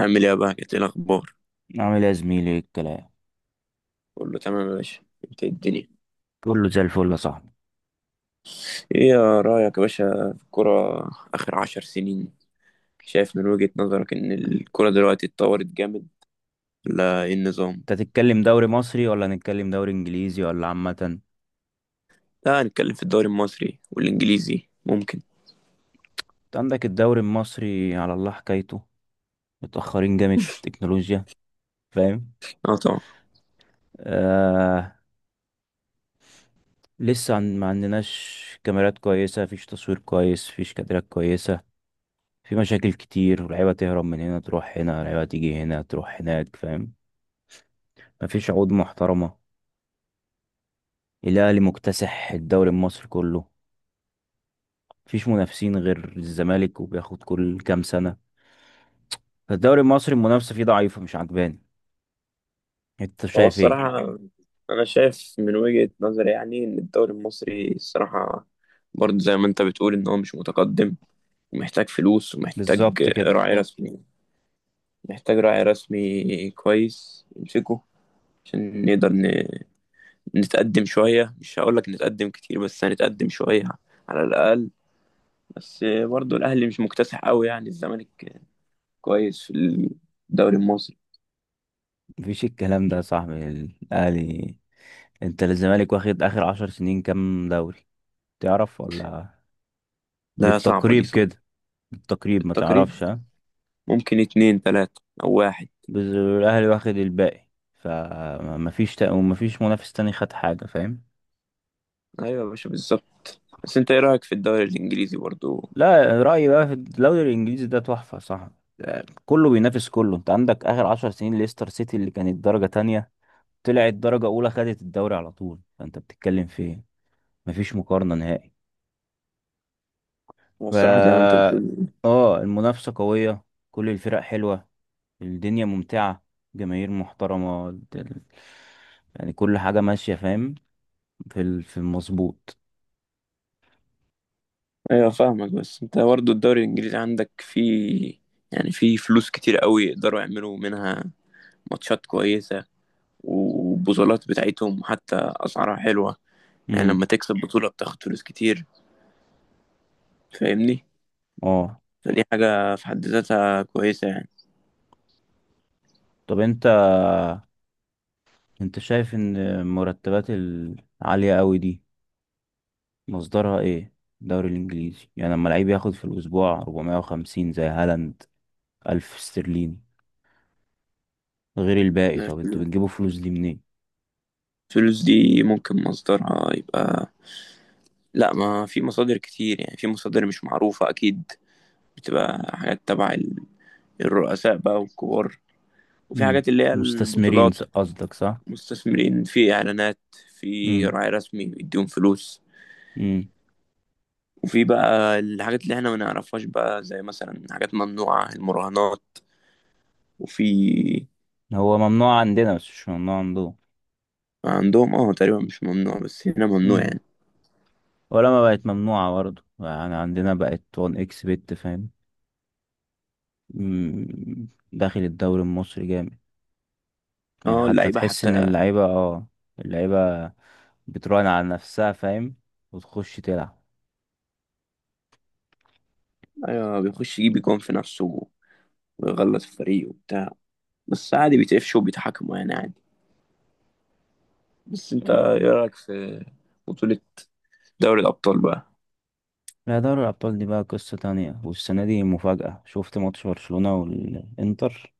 عامل ايه يا بقى، ايه الاخبار؟ عامل ايه يا زميلي، ايه الكلام؟ كله تمام يا باشا. انت إيه الدنيا؟ كله زي الفل يا صاحبي. ايه يا رايك يا باشا في الكرة اخر عشر سنين؟ شايف من وجهة نظرك ان الكرة دلوقتي اتطورت جامد ولا ايه النظام؟ انت تتكلم دوري مصري ولا نتكلم دوري انجليزي، ولا عامة انت؟ لا، هنتكلم في الدوري المصري والانجليزي ممكن. عندك الدوري المصري على الله حكايته، متأخرين جامد في التكنولوجيا، فاهم؟ اه طبعا. آه. لسه ما عندناش كاميرات كويسة، فيش تصوير كويس، فيش كادرات كويسة. في مشاكل كتير، ولعيبة تهرب من هنا تروح هنا، لعيبة تيجي هنا تروح هناك، فاهم؟ مفيش عقود محترمة. الأهلي مكتسح الدوري المصري كله، مفيش منافسين غير الزمالك، وبياخد كل كام سنة. الدوري المصري المنافسة فيه ضعيفة، مش عجباني. انت هو شايف ايه؟ الصراحة أنا شايف من وجهة نظري يعني إن الدوري المصري الصراحة، برضه زي ما أنت بتقول، إن هو مش متقدم ومحتاج فلوس ومحتاج بالظبط كده. راعي رسمي. محتاج راعي رسمي كويس يمسكه عشان نقدر نتقدم شوية، مش هقولك نتقدم كتير بس هنتقدم شوية على الأقل. بس برضو الأهلي مش مكتسح قوي يعني، الزمالك كويس في الدوري المصري. مفيش الكلام ده يا صاحبي. الاهلي، انت الزمالك واخد اخر عشر سنين كام دوري؟ تعرف ولا لا، صعبة دي بالتقريب صعبة. كده؟ بالتقريب، ما بالتقريب تعرفش؟ ها؟ ممكن اتنين تلاتة أو واحد. الاهلي واخد الباقي. فمفيش ومفيش منافس تاني خد حاجه، فاهم؟ أيوة يا باشا بالظبط، بس أنت إيه رأيك في الدوري الإنجليزي برضو؟ لا، رايي بقى في الدوري الانجليزي ده تحفه، صح؟ كله بينافس كله. انت عندك اخر عشر سنين ليستر سيتي اللي كانت درجه تانية طلعت درجة أولى، خدت الدوري على طول، فأنت بتتكلم في إيه؟ مفيش مقارنة نهائي. هو ف الصراحة زي ما أنت بتقول. آه المنافسة قوية، كل الفرق حلوة، الدنيا ممتعة، جماهير محترمة، يعني كل حاجة ماشية، فاهم؟ في المظبوط. أيوة فاهمك، بس أنت برضو الدوري الإنجليزي عندك فيه يعني، فيه فلوس كتير قوي يقدروا يعملوا منها ماتشات كويسة، والبطولات بتاعتهم حتى أسعارها حلوة. يعني امم. لما تكسب بطولة بتاخد فلوس كتير، فاهمني. اه، فدي حاجة في حد ذاتها كويسة يعني. طب انت شايف ان المرتبات العالية قوي دي مصدرها ايه؟ الدوري الانجليزي، يعني لما لعيب ياخد في الاسبوع 450 زي هالاند 1000 استرليني غير الباقي، ما طب انتوا في- بتجيبوا فلوس دي منين؟ الفلوس دي ممكن مصدرها يبقى، لا، ما في مصادر كتير يعني، في مصادر مش معروفة أكيد. بتبقى حاجات تبع الرؤساء بقى والكبار، وفي امم. حاجات اللي هي مستثمرين، البطولات. قصدك، صح؟ مستثمرين في إعلانات، في امم. راعي رسمي بيديهم فلوس. امم. وفي بقى الحاجات اللي احنا ما نعرفهاش بقى، زي مثلا حاجات ممنوعة، المراهنات وفي. هو ممنوع عندنا بس مش ممنوع عندهم. عندهم اه تقريبا مش ممنوع بس هنا ممنوع امم. يعني. ولا ما بقت ممنوعة برضه يعني؟ عندنا بقت 1 اكس بت، فاهم؟ امم، داخل الدوري المصري جامد. يعني اه حتى اللعيبة تحس ان حتى. اللعيبة، اه، اللعيبة بتراهن على نفسها، فاهم؟ وتخش تلعب. ايوه بيخش يجيب جون في نفسه ويغلط الفريق وبتاع. بس عادي بيتقفشوا وبيتحاكموا يعني، عادي. بس انت آه. ايه رأيك في بطولة دوري الأبطال بقى؟ لا، دوري الأبطال دي بقى قصة تانية، والسنة دي مفاجأة. شفت ماتش برشلونة والإنتر.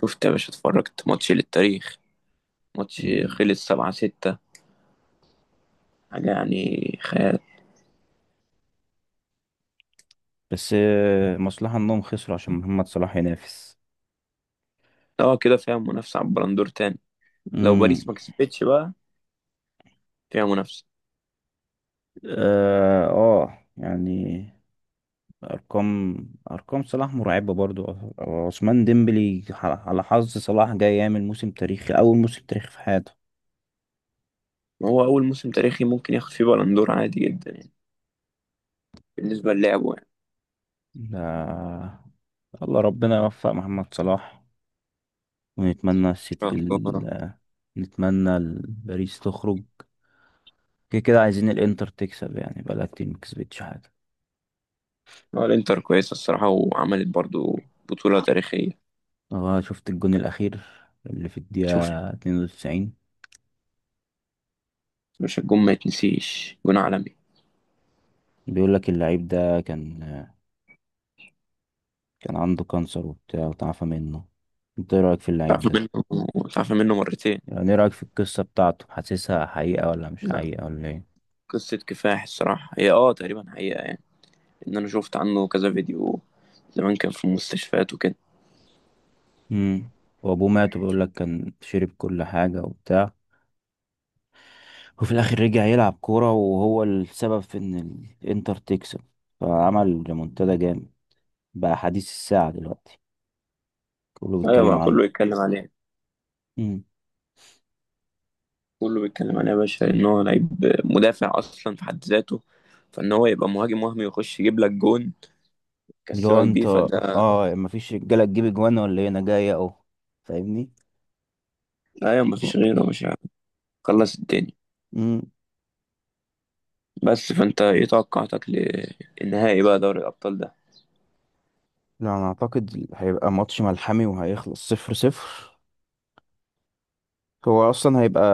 شفت يا باشا؟ اتفرجت ماتش للتاريخ. ماتش مم. خلص سبعة ستة. حاجة يعني خيال. بس مصلحة انهم خسروا عشان محمد صلاح ينافس. اه كده فيها منافسة على البلندور تاني. لو امم. باريس ما كسبتش بقى، فيها منافسة. اه، يعني ارقام، ارقام صلاح مرعبة برضو. عثمان ديمبلي على حظ صلاح جاي يعمل موسم تاريخي، اول موسم تاريخي في حياته. ما هو أول موسم تاريخي ممكن ياخد فيه بلندور عادي جدا يعني، بالنسبة للعبه يعني. ده الله ربنا يوفق محمد صلاح، ونتمنى ان شاء الله. نتمنى باريس تخرج. كده كده عايزين الانتر تكسب، يعني بقالها كتير ما كسبتش حاجة. اه الانتر كويسة الصراحة، وعملت برضو بطولة تاريخية. اه، شفت الجون الاخير اللي في شفت. الدقيقة 92؟ مش الجون ما يتنسيش، جون عالمي. بيقول لك اللعيب ده كان عنده كانسر وبتاع، وتعافى منه. انت ايه رأيك في اللعيب تعرف ده؟ منه تعرف منه مرتين. يعني ايه رأيك في القصة بتاعته؟ حاسسها حقيقة ولا مش لا، حقيقة ولا ايه؟ قصة كفاح الصراحة هي تقريبا حقيقة يعني، ان انا شفت عنه كذا فيديو، زمان كان في المستشفيات وكده. امم. وابوه مات، وبيقول لك كان شرب كل حاجة وبتاع، وفي الاخر رجع يلعب كورة، وهو السبب في ان الانتر تكسب، فعمل ريمونتادا جامد. بقى حديث الساعة دلوقتي، كله ايوه بيتكلم بقى عنه. كله يتكلم عليه. امم. كله بيتكلم عليه يا باشا، ان هو لعيب مدافع اصلا في حد ذاته، فان هو يبقى مهاجم وهمي يخش يجيب لك جون اللي هو يكسبك بيه، انت، فده. اه، مفيش رجالة تجيب اجوان ولا ايه؟ انا جاي اهو، فاهمني؟ ايوه مفيش غيره، مش عارف، خلص الدنيا. امم. بس فانت ايه توقعاتك للنهائي بقى دوري الابطال ده؟ لا، انا اعتقد هيبقى ماتش ملحمي وهيخلص صفر صفر. هو اصلا هيبقى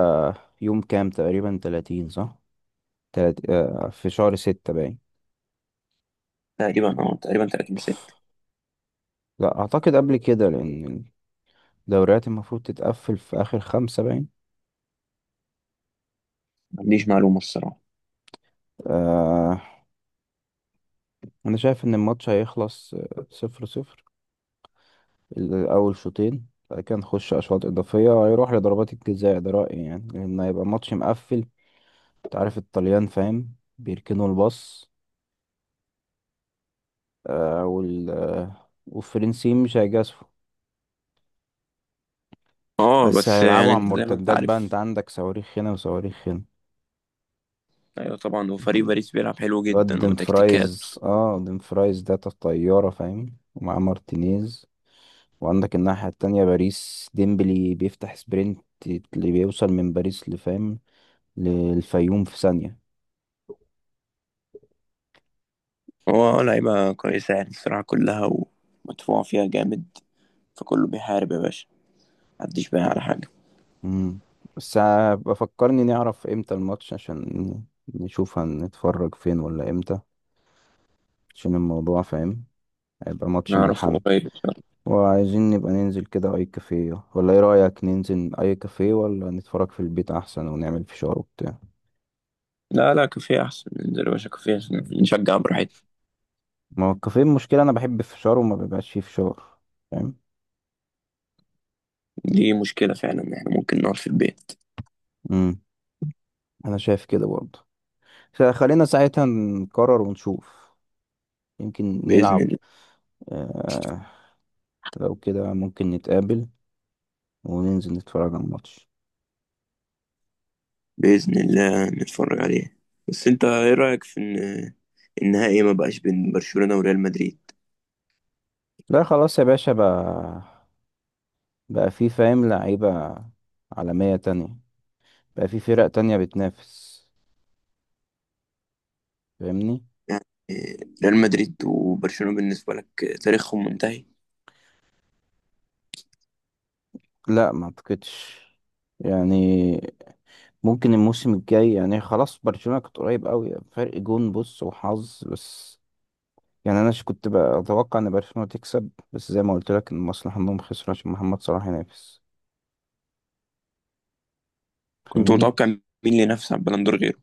يوم كام؟ تقريبا 30، صح؟ تلات... آه، في شهر ستة باين. تقريبا 30 ست. لا اعتقد قبل كده، لان الدوريات المفروض تتقفل في اخر خمسة باين. ما عنديش معلومه الصراحه. آه، انا شايف ان الماتش هيخلص صفر صفر الاول شوطين، بعد كده نخش اشواط اضافية، هيروح لضربات الجزاء. ده رأيي يعني، لان هيبقى ماتش مقفل. انت عارف الطليان، فاهم؟ بيركنوا الباص، والفرنسيين مش هيجازفوا، اه بس بس هيلعبوا يعني عن انت زي ما انت مرتدات بقى. انت عارف. عندك صواريخ هنا وصواريخ هنا. ايوه طبعا، هو فريق د- باريس بيلعب حلو الواد جدا وتكتيكات. ديمفرايز، ديمفرايز ده طيارة، فاهم؟ ومعاه مارتينيز. وعندك الناحية التانية باريس، ديمبلي بيفتح سبرنت اللي بيوصل من باريس لفاهم للفيوم في ثانية. هو لعيبه كويسه يعني الصراحه كلها، ومدفوع فيها جامد، فكله بيحارب يا باشا، محدش بايع على حاجه. مم. بس بفكرني نعرف امتى الماتش، عشان نشوف هنتفرج فين ولا امتى، عشان الموضوع، فاهم؟ هيبقى ماتش نعرفه ملحمي. قريب ان شاء الله. وعايزين نبقى ننزل كده اي كافيه، ولا ايه رأيك ننزل اي كافيه ولا نتفرج في البيت احسن ونعمل فشار وبتاع؟ لا لا، كافيه احسن، ننزل يا باشا كافيه عشان نشجع براحتنا. ما هو الكافيه المشكلة، انا بحب الفشار وما بيبقاش فيه فشار، فاهم؟ دي مشكله فعلا، ان احنا ممكن نقعد في البيت. امم. انا شايف كده برضه، خلينا ساعتها نقرر ونشوف، يمكن باذن نلعب. الله. آه. لو كده ممكن نتقابل وننزل نتفرج على الماتش. بإذن الله نتفرج عليه. بس انت ايه رأيك في ان النهائي ما بقاش بين برشلونة وريال مدريد؟ لا، خلاص يا باشا بقى، بقى في، فاهم، لعيبة عالمية تانية، بقى في فرق تانية بتنافس، فاهمني؟ يعني ريال مدريد وبرشلونة بالنسبة لك تاريخهم منتهي؟ لا، ما اعتقدش، يعني ممكن الموسم الجاي، يعني خلاص برشلونة كانت قريب قوي، فرق جون بص وحظ بس. يعني انا كنت بقى اتوقع ان برشلونة تكسب، بس زي ما قلت لك ان المصلحة انهم خسروا عشان محمد صلاح ينافس، كنت فاهمني؟ متوقع مين اللي ينافس على البالندور غيره؟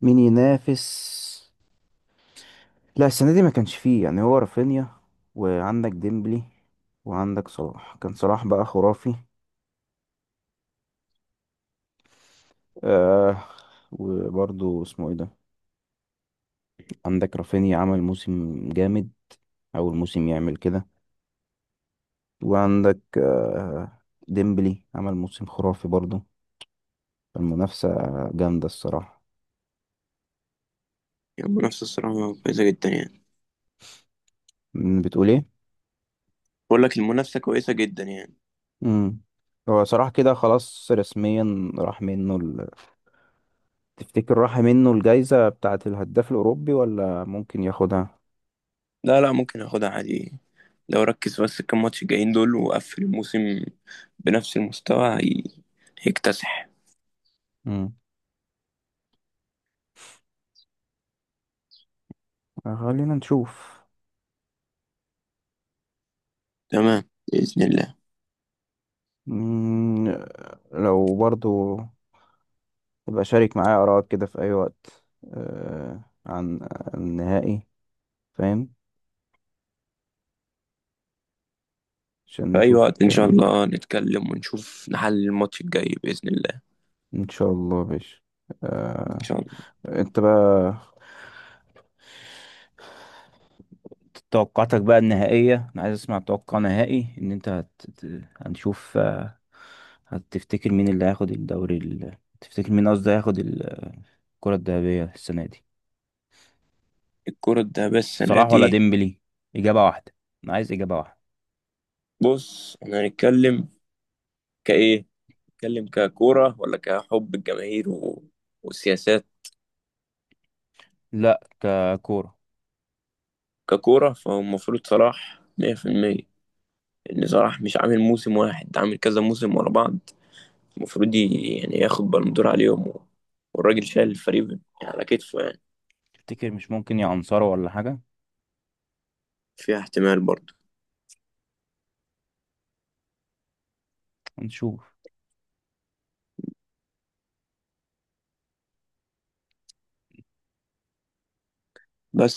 مين ينافس؟ لا، السنة دي ما كانش فيه، يعني، هو رافينيا، وعندك ديمبلي، وعندك صلاح. كان صلاح بقى خرافي. آه. وبرضه اسمه ايه ده، عندك رافينيا عمل موسم جامد، اول موسم يعمل كده. وعندك ديمبلي عمل موسم خرافي برضه. المنافسة جامدة الصراحة. يعني المنافسة الصراحة كويسة جدا يعني. بتقول ايه؟ بقول لك المنافسة كويسة جدا يعني. امم. هو صراحة كده خلاص رسميا راح منه تفتكر راح منه الجايزة بتاعة الهداف الأوروبي ولا ممكن ياخدها؟ لا لا، ممكن اخدها عادي. لو ركز بس كام ماتش جايين دول وقفل الموسم بنفس المستوى، هيكتسح. امم. خلينا نشوف. تمام، بإذن الله. مم، لو برضو يبقى شارك معايا آراءك كده في أي وقت. عن عن النهائي، فاهم؟ عشان في أي نشوف وقت إن شاء الكلام. الله نتكلم ونشوف نحل الماتش الجاي بإذن الله. إن شاء الله يا باشا. إن آه. شاء الله. انت بقى توقعاتك بقى النهائية، انا عايز اسمع توقع نهائي. ان انت هنشوف، هتفتكر مين اللي هياخد تفتكر مين قصدي هياخد الكرة الذهبية السنة دي؟ الكرة الذهبية السنة صلاح ولا دي. ديمبلي؟ إجابة واحدة. انا عايز إجابة واحدة. بص، إحنا هنتكلم كإيه؟ نتكلم ككورة ولا كحب الجماهير والسياسات؟ لا، ككورة. ككورة فهو المفروض صلاح 100%. إن صلاح مش عامل موسم واحد، ده عامل كذا موسم ورا بعض. المفروض يعني ياخد بالون دور عليهم والراجل شايل الفريق يعني، على كتفه يعني. تفتكر مش ممكن يا أنصار ولا حاجة؟ فيها احتمال برضه هنشوف. بس